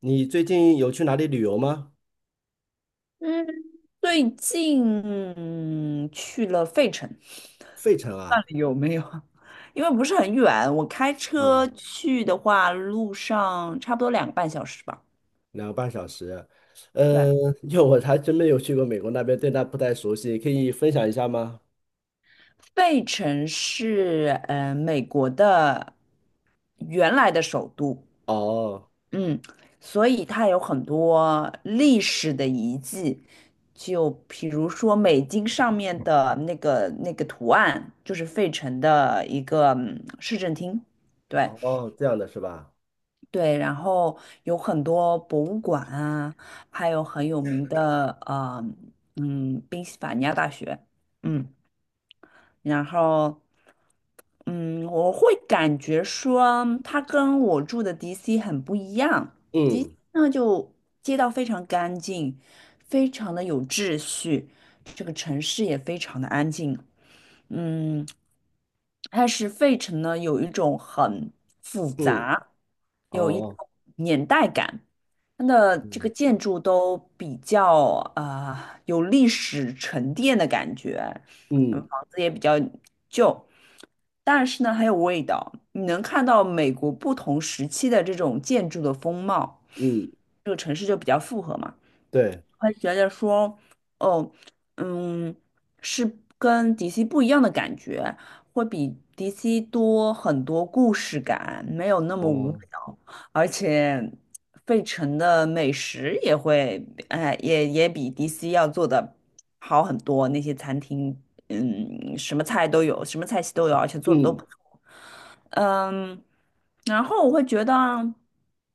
你最近有去哪里旅游吗？嗯，最近去了费城，费城那啊，里有没有？因为不是很远，我开嗯，车去的话，路上差不多两个半小时吧。2个半小时。对，嗯，因为我还真没有去过美国那边，对那不太熟悉，可以分享一下吗？费城是美国的原来的首都，哦，嗯，所以它有很多历史的遗迹，就比如说美金上面的那个图案，就是费城的一个市政厅。对，哦，这样的是吧？对，然后有很多博物馆啊，还有很有名的宾夕法尼亚大学，嗯。然后，嗯，我会感觉说它跟我住的 DC 很不一样。DC 嗯呢，就街道非常干净，非常的有秩序，这个城市也非常的安静。嗯，但是费城呢，有一种很复嗯，杂，有一种哦，年代感。它的这个嗯建筑都比较有历史沉淀的感觉，嗯子也比较旧，但是呢很有味道。你能看到美国不同时期的这种建筑的风貌，嗯，这个城市就比较复合嘛。对，会觉得说，哦，嗯，是跟 DC 不一样的感觉，会比 DC 多很多故事感，没有那么无哦，聊，而且费城的美食也会，哎，也比 DC 要做的好很多，那些餐厅，嗯，什么菜都有，什么菜系都有，而且做的都嗯不嗯，然后我会觉得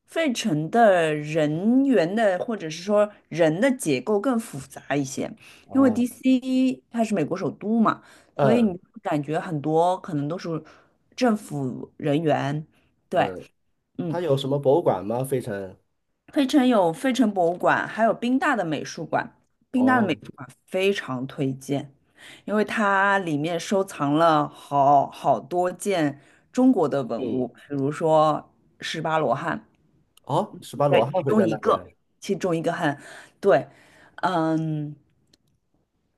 费城的人员的或者是说人的结构更复杂一些，因为 哦，DC 它是美国首都嘛，所以你嗯会感觉很多可能都是政府人员，对。嗯，嗯。他有什么博物馆吗？费城？费城有费城博物馆，还有宾大的美术馆。宾大的美哦，术馆非常推荐，因为它里面收藏了好好多件中国的文嗯，物，比如说十八罗汉，哦，十八罗对，汉其会中在一那个，边。其中一个汉，对，嗯，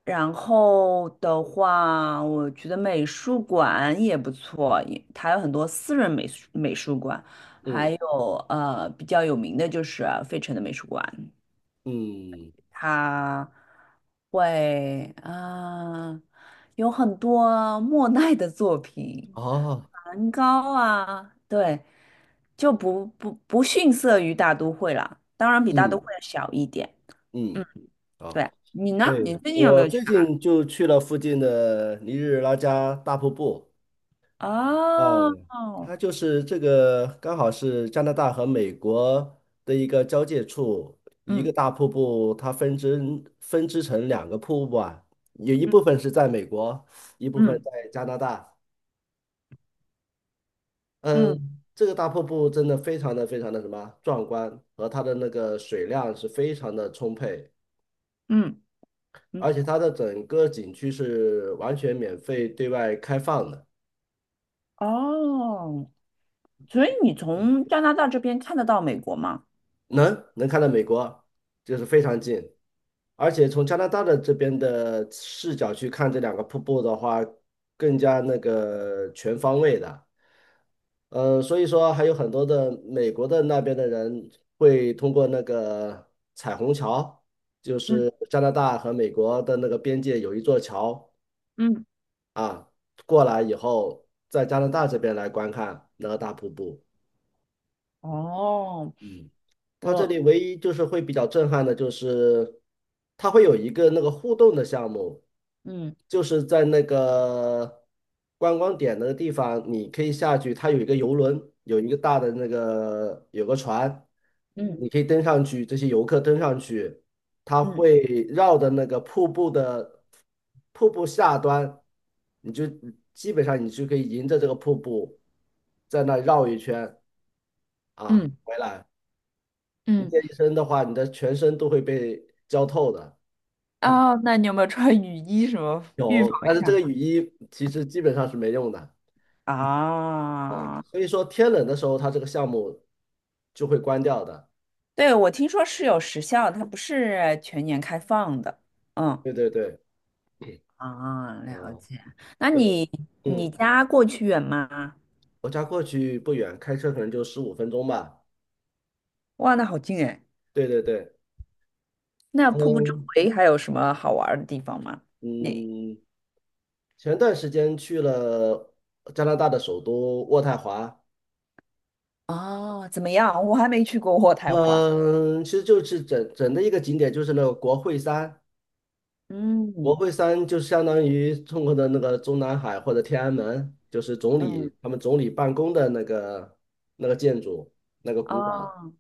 然后的话，我觉得美术馆也不错，也它有很多私人美术馆，还嗯有比较有名的就是费城的美术馆。嗯，他会有很多莫奈的作品，哦，梵高啊，对，就不逊色于大都会了。当然比大都会嗯小一点。嗯，嗯，哦。对，你呢？对，你最近有没我有去最近就去了附近的尼日拉加大瀑布啊，哪？哦，它就是这个刚好是加拿大和美国的一个交界处，一个嗯，大瀑布，它分支成两个瀑布啊，有一部嗯，分是在美国，一部分嗯，在加拿大。嗯，嗯，这个大瀑布真的非常的非常的什么壮观，和它的那个水量是非常的充沛，嗯，嗯，而且它的整个景区是完全免费对外开放的。哦，所以你从加拿大这边看得到美国吗？能看到美国，就是非常近，而且从加拿大的这边的视角去看这两个瀑布的话，更加那个全方位的。所以说还有很多的美国的那边的人会通过那个彩虹桥，就嗯，是加拿大和美国的那个边界有一座桥嗯，啊，过来以后，在加拿大这边来观看那个大瀑布。哦，嗯，它这我里唯一就是会比较震撼的，就是它会有一个那个互动的项目，嗯，就是在那个观光点那个地方，你可以下去，它有一个游轮，有一个大的那个有个船，你嗯，可以登上去，这些游客登上去，它嗯。会绕着那个瀑布的瀑布下端，你就基本上你就可以迎着这个瀑布在那绕一圈啊嗯，回来。你嗯，这一身的话，你的全身都会被浇透的。哦，那你有没有穿雨衣什么预防有，但是一这个下？雨衣其实基本上是没用的。啊，所以说天冷的时候，它这个项目就会关掉的。对，我听说是有时效，它不是全年开放的。嗯，对对对，啊，了嗯，解。那对，你你嗯，家过去远吗？我家过去不远，开车可能就15分钟吧。哇，那好近哎。对对对，那瀑布周嗯围还有什么好玩儿的地方吗？你嗯，前段时间去了加拿大的首都渥太华，哦，怎么样？我还没去过渥太华。嗯，其实就是整整的一个景点就是那个国会山。国嗯，会山就相当于中国的那个中南海或者天安门，就是总嗯，理他们总理办公的那个建筑，那个古堡，哦，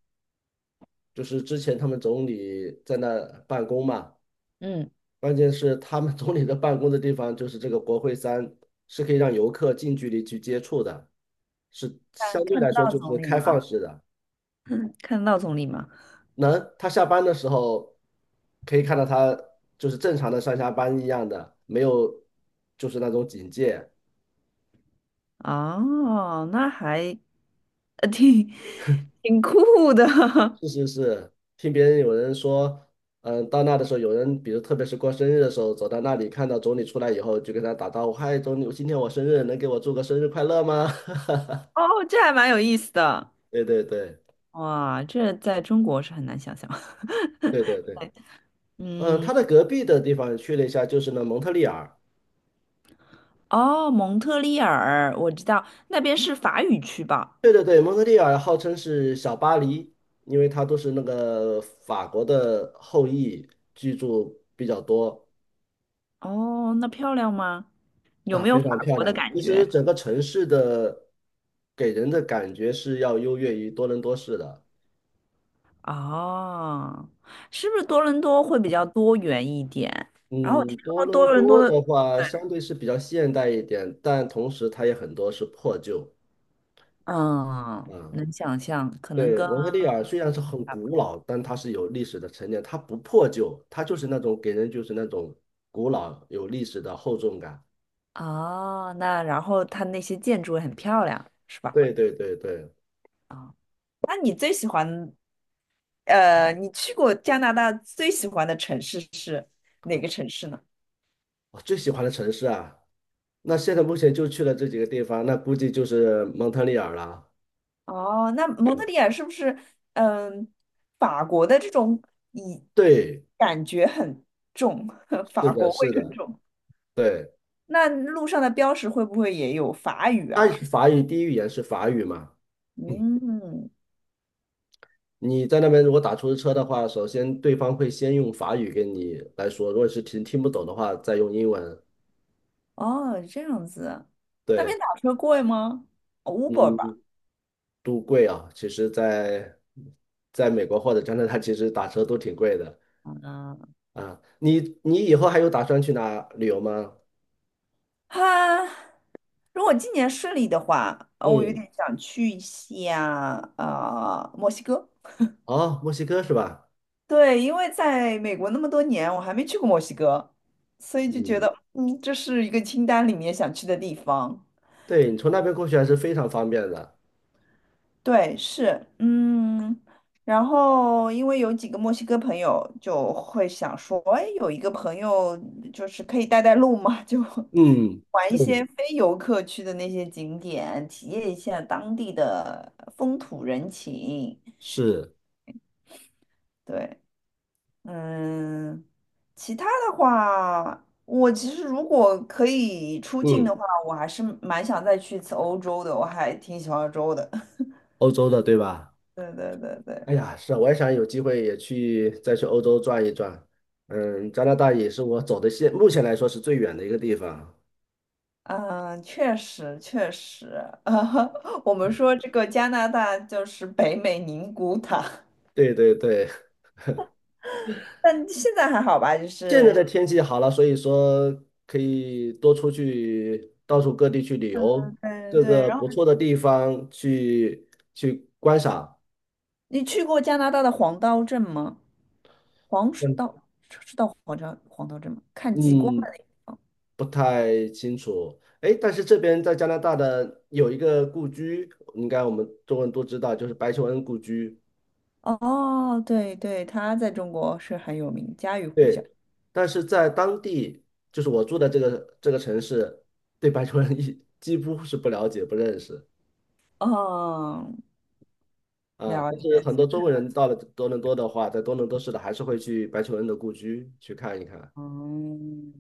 就是之前他们总理在那办公嘛。嗯，关键是他们总理的办公的地方就是这个国会山，是可以让游客近距离去接触的，是看相对看得来说到就总是理开放吗？式的。看得到总理吗？能，他下班的时候可以看到他就是正常的上下班一样的，没有就是那种警戒。哦，那还呃挺挺酷的 是是是，听别人有人说，嗯，到那的时候，有人比如特别是过生日的时候，走到那里看到总理出来以后，就跟他打招呼：“嗨，总理，今天我生日，能给我祝个生日快乐吗？” 哦，这还蛮有意思的。对对对哇，这在中国是很难想象。对对对，嗯，嗯，他的隔壁的地方去了一下，就是那蒙特利尔。哦，蒙特利尔，我知道那边是法语区吧？对对对，蒙特利尔号称是小巴黎，因为它都是那个法国的后裔居住比较多。哦，那漂亮吗？有没有法国的感其实觉？整个城市的给人的感觉是要优越于多伦多市的。哦，是不是多伦多会比较多元一点？然后我听嗯，多说伦多伦多多的的，话，相对是比较现代一点，但同时它也很多是破旧。嗯，啊，能想象，可能对，跟蒙特利尔虽然是嗯很差不古多。老，但它是有历史的沉淀，它不破旧，它就是那种给人就是那种古老有历史的厚重感。哦，那然后它那些建筑也很漂亮，是吧？对对对对，啊、那你最喜欢，你去过加拿大最喜欢的城市是哪个城市呢？我最喜欢的城市啊，那现在目前就去了这几个地方，那估计就是蒙特利尔了。哦，那蒙特利尔是不是，嗯，法国的这种以对，感觉很重，是法的，国味是很的，重。对，那路上的标识会不会也有法语它啊什么？法语第一语言是法语嘛。嗯嗯，你在那边如果打出租车的话，首先对方会先用法语跟你来说，如果是听不懂的话，再用英文。哦，这样子，那边对，打车贵吗？Uber 吧。嗯，都贵啊，其实在，在美国或者加拿大，其实打车都挺贵的嗯，啊。你以后还有打算去哪旅游吗？哈，如果今年顺利的话，我有嗯，点想去一下墨西哥。哦，墨西哥是吧？对，因为在美国那么多年，我还没去过墨西哥，所以就觉嗯，得，嗯，这是一个清单里面想去的地方。对，你从那边过去还是非常方便的。对，是，嗯，然后因为有几个墨西哥朋友，就会想说，哎，有一个朋友就是可以带路嘛，就 嗯，玩一些非游客去的那些景点，体验一下当地的风土人情。是，对，嗯，其他的话，我其实如果可以出境嗯，的话，我还是蛮想再去一次欧洲的，我还挺喜欢欧洲的。欧洲的对吧？对对对哎对，呀，是啊，我也想有机会也去再去欧洲转一转。嗯，加拿大也是我走的目前来说是最远的一个地方。嗯，确实确实，啊，我们说这个加拿大就是北美宁古塔，对对对，但现在还好吧，就现在是，的天气好了，所以说可以多出去到处各地去旅游，嗯各对。个然后不错的地方去观赏。你去过加拿大的黄刀镇吗？黄石嗯道是到黄刀镇吗？看极光。嗯，不太清楚。哎，但是这边在加拿大的有一个故居，应该我们中国人都知道，就是白求恩故居。哦，对对，他在中国是很有名，家喻户晓。对，但是在当地，就是我住的这个城市，对白求恩几乎是不了解、不认识嗯，啊。了但是解。很多中国人到了多伦多的话，在多伦多市的还是会去白求恩的故居去看一看。嗯，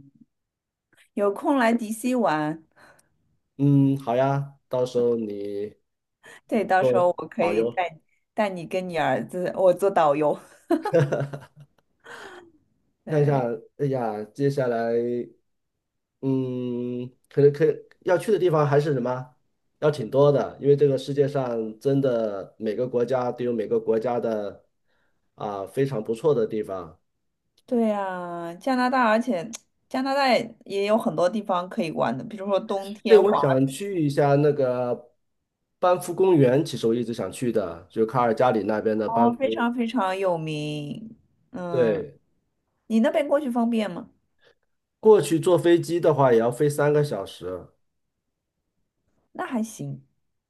有空来DC 玩，嗯，好呀，到时候你对，到时候做我可导以游带你跟你儿子，我做导游。看一下，对，哎呀，接下来嗯，可能要去的地方还是什么，要挺多的，因为这个世界上真的每个国家都有每个国家的非常不错的地方。对呀，加拿大，而且加拿大也有很多地方可以玩的，比如说冬对，天我华，想去一下那个班夫公园，其实我一直想去的，就卡尔加里那边的班哦，非夫。常非常有名。嗯，对，你那边过去方便吗？过去坐飞机的话也要飞3个小时。那还行，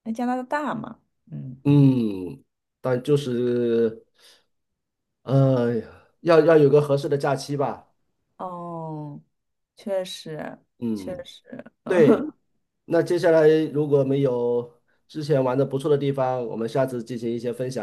那加拿大大嘛，嗯，嗯，但就是呃，要有个合适的假期吧。哦。确实，确嗯。实，对，嗯，那接下来如果没有之前玩的不错的地方，我们下次进行一些分享。